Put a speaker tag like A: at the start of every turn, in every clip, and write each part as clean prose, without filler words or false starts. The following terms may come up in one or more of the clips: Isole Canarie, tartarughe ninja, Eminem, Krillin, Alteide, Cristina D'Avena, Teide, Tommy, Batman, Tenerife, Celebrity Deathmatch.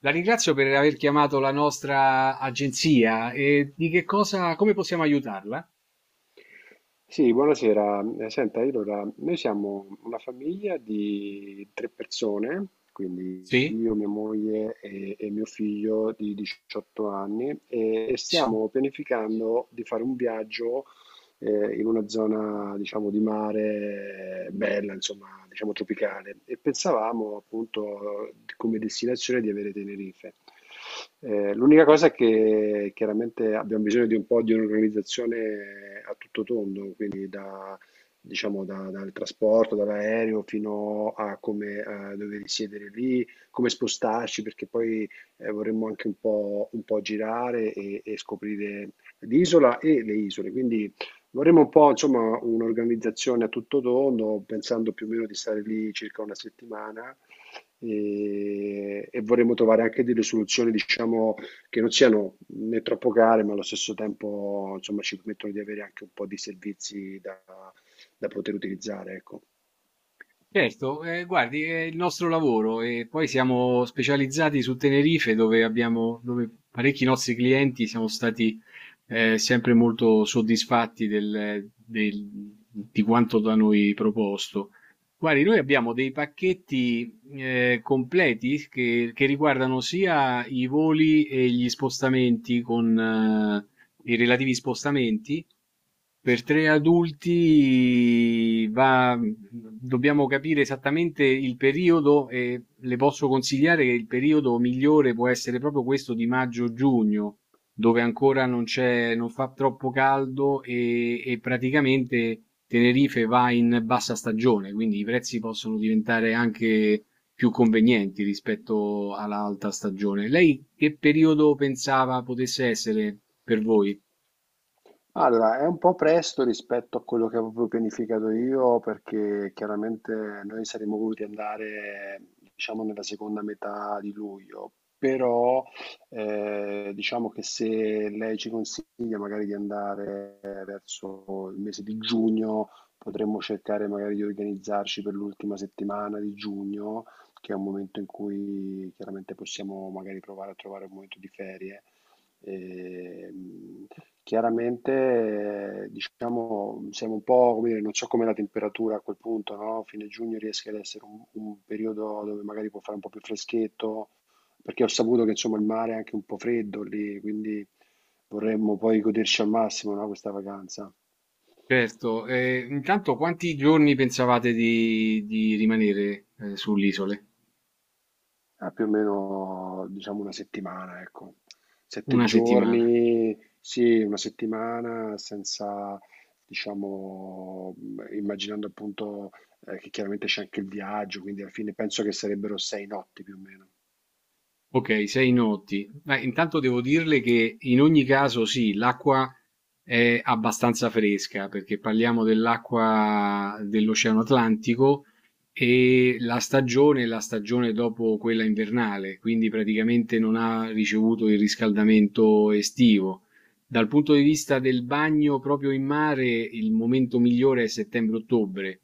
A: La ringrazio per aver chiamato la nostra agenzia e di che cosa, come possiamo aiutarla?
B: Sì, buonasera. Senta, io allora, noi siamo una famiglia di tre persone, quindi
A: Sì?
B: io, mia moglie e mio figlio di 18 anni, e stiamo pianificando di fare un viaggio in una zona, diciamo, di mare bella, insomma, diciamo tropicale, e pensavamo appunto come destinazione di avere Tenerife. L'unica cosa è che chiaramente abbiamo bisogno di un po' di un'organizzazione a tutto tondo, quindi da, diciamo, dal trasporto, dall'aereo fino a come dove risiedere lì, come spostarci, perché poi vorremmo anche un po' girare e scoprire l'isola e le isole. Quindi vorremmo un po', insomma, un'organizzazione a tutto tondo, pensando più o meno di stare lì circa una settimana e vorremmo trovare anche delle soluzioni, diciamo, che non siano né troppo care, ma allo stesso tempo, insomma, ci permettono di avere anche un po' di servizi da poter utilizzare, ecco.
A: Certo, guardi è il nostro lavoro e poi siamo specializzati su Tenerife dove abbiamo dove parecchi nostri clienti siamo stati, sempre molto soddisfatti del del di quanto da noi proposto. Guardi, noi abbiamo dei pacchetti, completi che riguardano sia i voli e gli spostamenti con i relativi spostamenti per tre adulti va, dobbiamo capire esattamente il periodo e le posso consigliare che il periodo migliore può essere proprio questo di maggio-giugno, dove ancora non c'è, non fa troppo caldo e praticamente Tenerife va in bassa stagione, quindi i prezzi possono diventare anche più convenienti rispetto all'alta stagione. Lei che periodo pensava potesse essere per voi?
B: Allora, è un po' presto rispetto a quello che avevo pianificato io, perché chiaramente noi saremmo voluti andare, diciamo, nella seconda metà di luglio, però diciamo che se lei ci consiglia magari di andare verso il mese di giugno, potremmo cercare magari di organizzarci per l'ultima settimana di giugno, che è un momento in cui chiaramente possiamo magari provare a trovare un momento di ferie. Ehm, chiaramente, diciamo, siamo un po', come dire, non so com'è la temperatura a quel punto, no? Fine giugno rischia di essere un periodo dove magari può fare un po' più freschetto, perché ho saputo che insomma il mare è anche un po' freddo lì, quindi vorremmo poi goderci al massimo, no, questa vacanza.
A: Certo, e intanto quanti giorni pensavate di rimanere, sull'isole?
B: A più o meno diciamo una settimana, ecco. Sette
A: Una settimana.
B: giorni, sì, una settimana senza, diciamo, immaginando appunto che chiaramente c'è anche il viaggio, quindi alla fine penso che sarebbero 6 notti più o meno.
A: Ok, 6 notti. Beh, intanto devo dirle che in ogni caso sì, l'acqua è abbastanza fresca perché parliamo dell'acqua dell'Oceano Atlantico e la stagione è la stagione dopo quella invernale, quindi praticamente non ha ricevuto il riscaldamento estivo. Dal punto di vista del bagno proprio in mare, il momento migliore è settembre-ottobre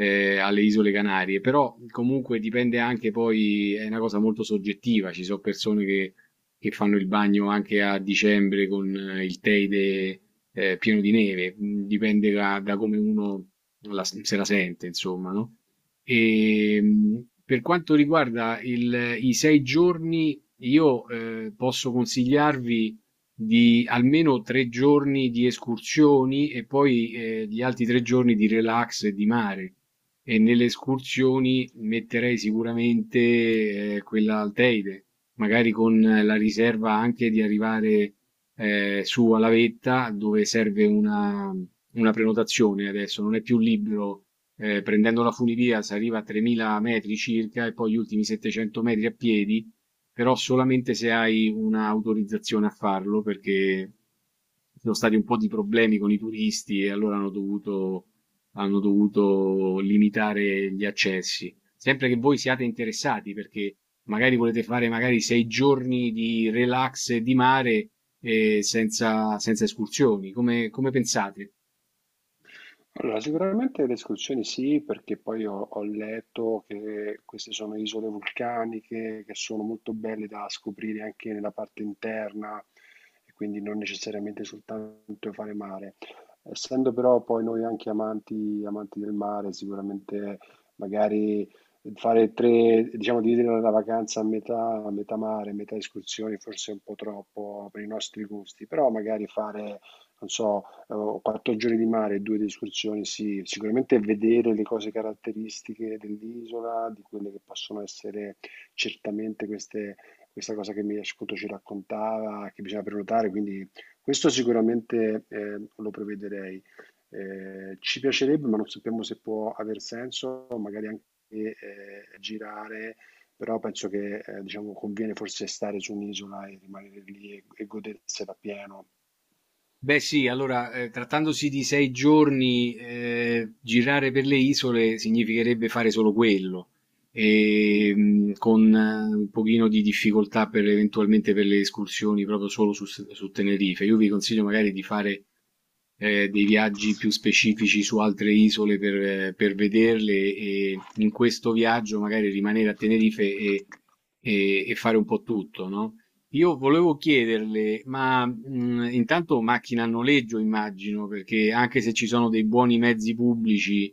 A: alle Isole Canarie, però comunque dipende anche poi, è una cosa molto soggettiva, ci sono persone che fanno il bagno anche a dicembre con il Teide pieno di neve. Dipende da come uno se la sente, insomma, no? E, per quanto riguarda i 6 giorni, io posso consigliarvi di almeno 3 giorni di escursioni e poi gli altri 3 giorni di relax e di mare. E nelle escursioni metterei sicuramente quella Alteide, magari con la riserva anche di arrivare su alla vetta dove serve una, prenotazione adesso, non è più libero. Prendendo la funivia si arriva a 3000 metri circa e poi gli ultimi 700 metri a piedi, però solamente se hai un'autorizzazione a farlo perché ci sono stati un po' di problemi con i turisti e allora hanno dovuto limitare gli accessi. Sempre che voi siate interessati, perché magari volete fare magari 6 giorni di relax di mare senza escursioni. Come pensate?
B: Allora, sicuramente le escursioni sì, perché poi ho letto che queste sono isole vulcaniche che sono molto belle da scoprire anche nella parte interna e quindi non necessariamente soltanto fare mare. Essendo però poi noi anche amanti, amanti del mare, sicuramente magari fare tre, diciamo dividere la vacanza a metà mare, metà escursioni, forse è un po' troppo per i nostri gusti, però magari fare non so, avevo 4 giorni di mare e due di escursioni, sì, sicuramente vedere le cose caratteristiche dell'isola, di quelle che possono essere certamente queste, questa cosa che mi ascolto ci raccontava, che bisogna prenotare, quindi questo sicuramente lo prevederei. Ci piacerebbe, ma non sappiamo se può aver senso, magari anche eh, girare, però penso che diciamo, conviene forse stare su un'isola e rimanere lì e godersela pieno.
A: Beh sì, allora trattandosi di 6 giorni girare per le isole significherebbe fare solo quello,
B: Mm.
A: e, con un pochino di difficoltà per, eventualmente per le escursioni proprio solo su Tenerife. Io vi consiglio magari di fare
B: Fu un
A: dei viaggi
B: importante
A: più
B: personaggio della
A: specifici su altre isole per vederle e in questo viaggio magari rimanere a Tenerife e,
B: politica
A: e- e fare un po' tutto, no? Io volevo chiederle, ma intanto macchina a
B: locale.
A: noleggio immagino, perché anche se ci sono dei buoni mezzi pubblici,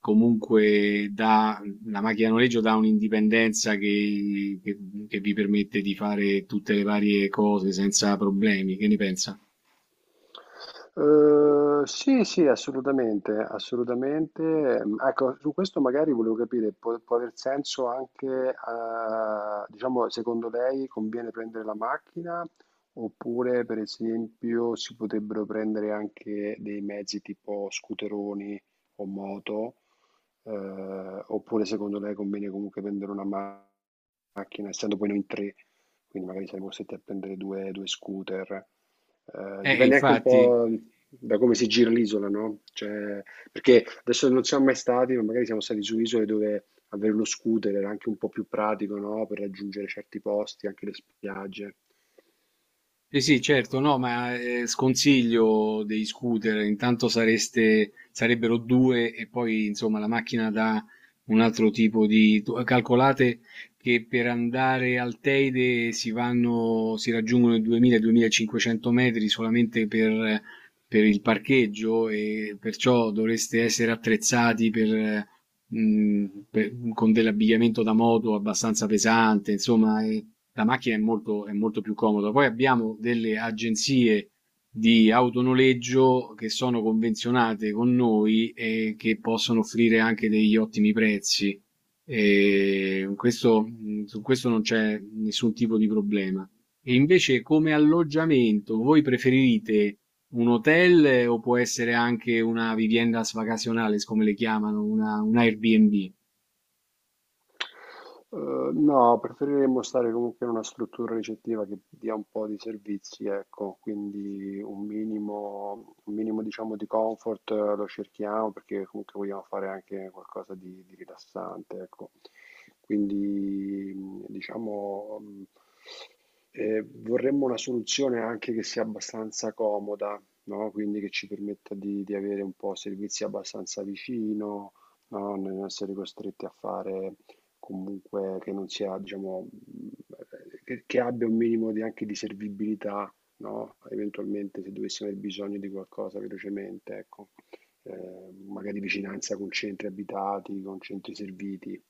A: comunque la macchina a noleggio dà un'indipendenza che, che vi permette di fare tutte le varie cose senza problemi. Che ne pensa?
B: Sì, sì, assolutamente, assolutamente. Mhmm, ecco, su questo magari volevo capire, può aver senso anche, diciamo, secondo lei conviene prendere la macchina, oppure per esempio si potrebbero prendere anche dei mezzi tipo scooteroni o moto, oppure secondo lei conviene comunque prendere una macchina, essendo poi noi in 3, quindi magari saremo costretti a prendere 2 scooter? Dipende anche un
A: Infatti.
B: po' da come si gira l'isola, no? Cioè, perché adesso non siamo mai stati, ma magari siamo stati su isole dove avere uno scooter era anche un po' più pratico, no? Per raggiungere certi posti, anche le spiagge.
A: Sì, sì, certo, no, ma sconsiglio dei scooter, intanto sareste, sarebbero due e poi insomma la macchina dà un altro tipo di. Calcolate che per andare al Teide si vanno, si raggiungono i 2000-2500 metri solamente per il parcheggio e perciò dovreste essere attrezzati per, mh, con dell'abbigliamento da moto abbastanza pesante, insomma. La macchina è molto, più comoda. Poi abbiamo delle agenzie di autonoleggio che sono convenzionate con noi e che possono offrire anche degli ottimi prezzi. E questo, su questo non c'è nessun tipo di problema. E invece come alloggiamento, voi preferite un hotel o può essere anche una vivienda vacacionales, come le chiamano, un Airbnb?
B: No, preferiremmo stare comunque in una struttura ricettiva che dia un po' di servizi, ecco, quindi un minimo diciamo di comfort lo cerchiamo perché comunque vogliamo fare anche qualcosa di rilassante, ecco. Quindi diciamo vorremmo una soluzione anche che sia abbastanza comoda, no? Quindi che ci permetta di avere un po' servizi abbastanza vicino, no? Non essere costretti a fare comunque che non sia, diciamo, che abbia un minimo di, anche di servibilità, no? Eventualmente se dovessimo aver bisogno di qualcosa velocemente, ecco, magari vicinanza con centri abitati, con centri serviti.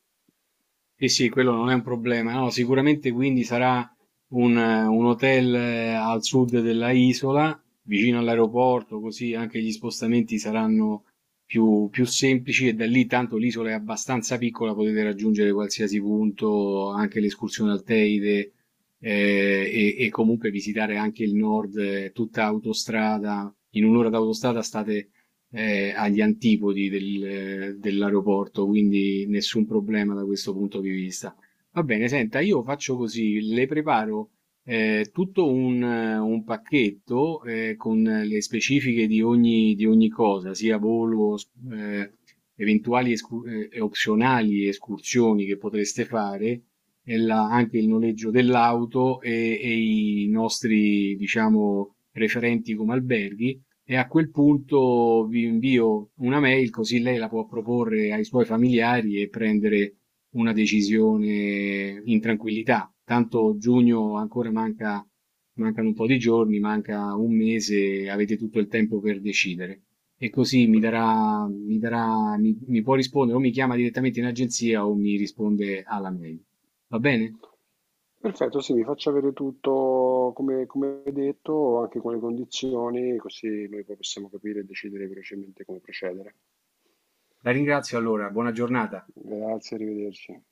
A: Sì, sì, quello non è un problema. No, sicuramente quindi sarà un hotel al sud della isola, vicino all'aeroporto, così anche gli spostamenti saranno più semplici e da lì tanto l'isola è abbastanza piccola, potete raggiungere qualsiasi punto, anche l'escursione al Teide eh, e comunque visitare anche il nord, tutta autostrada. In un'ora d'autostrada state agli antipodi dell'aeroporto, quindi nessun problema da questo punto di vista. Va bene, senta, io faccio così, le preparo tutto un pacchetto con le specifiche di ogni cosa, sia volo, eh, eventuali e opzionali escursioni che potreste fare, e anche il noleggio dell'auto e i nostri, diciamo, referenti come alberghi. E a quel punto vi invio una mail così lei la può proporre ai suoi familiari e prendere una decisione in tranquillità. Tanto giugno ancora manca, mancano un po' di giorni, manca un mese, avete tutto il tempo per decidere. E così mi può rispondere o mi chiama direttamente in agenzia o mi risponde alla mail. Va bene?
B: Perfetto, sì, mi faccia avere tutto come detto, anche con le condizioni, così noi poi possiamo capire e decidere velocemente come procedere.
A: La ringrazio allora, buona giornata.
B: Grazie, arrivederci.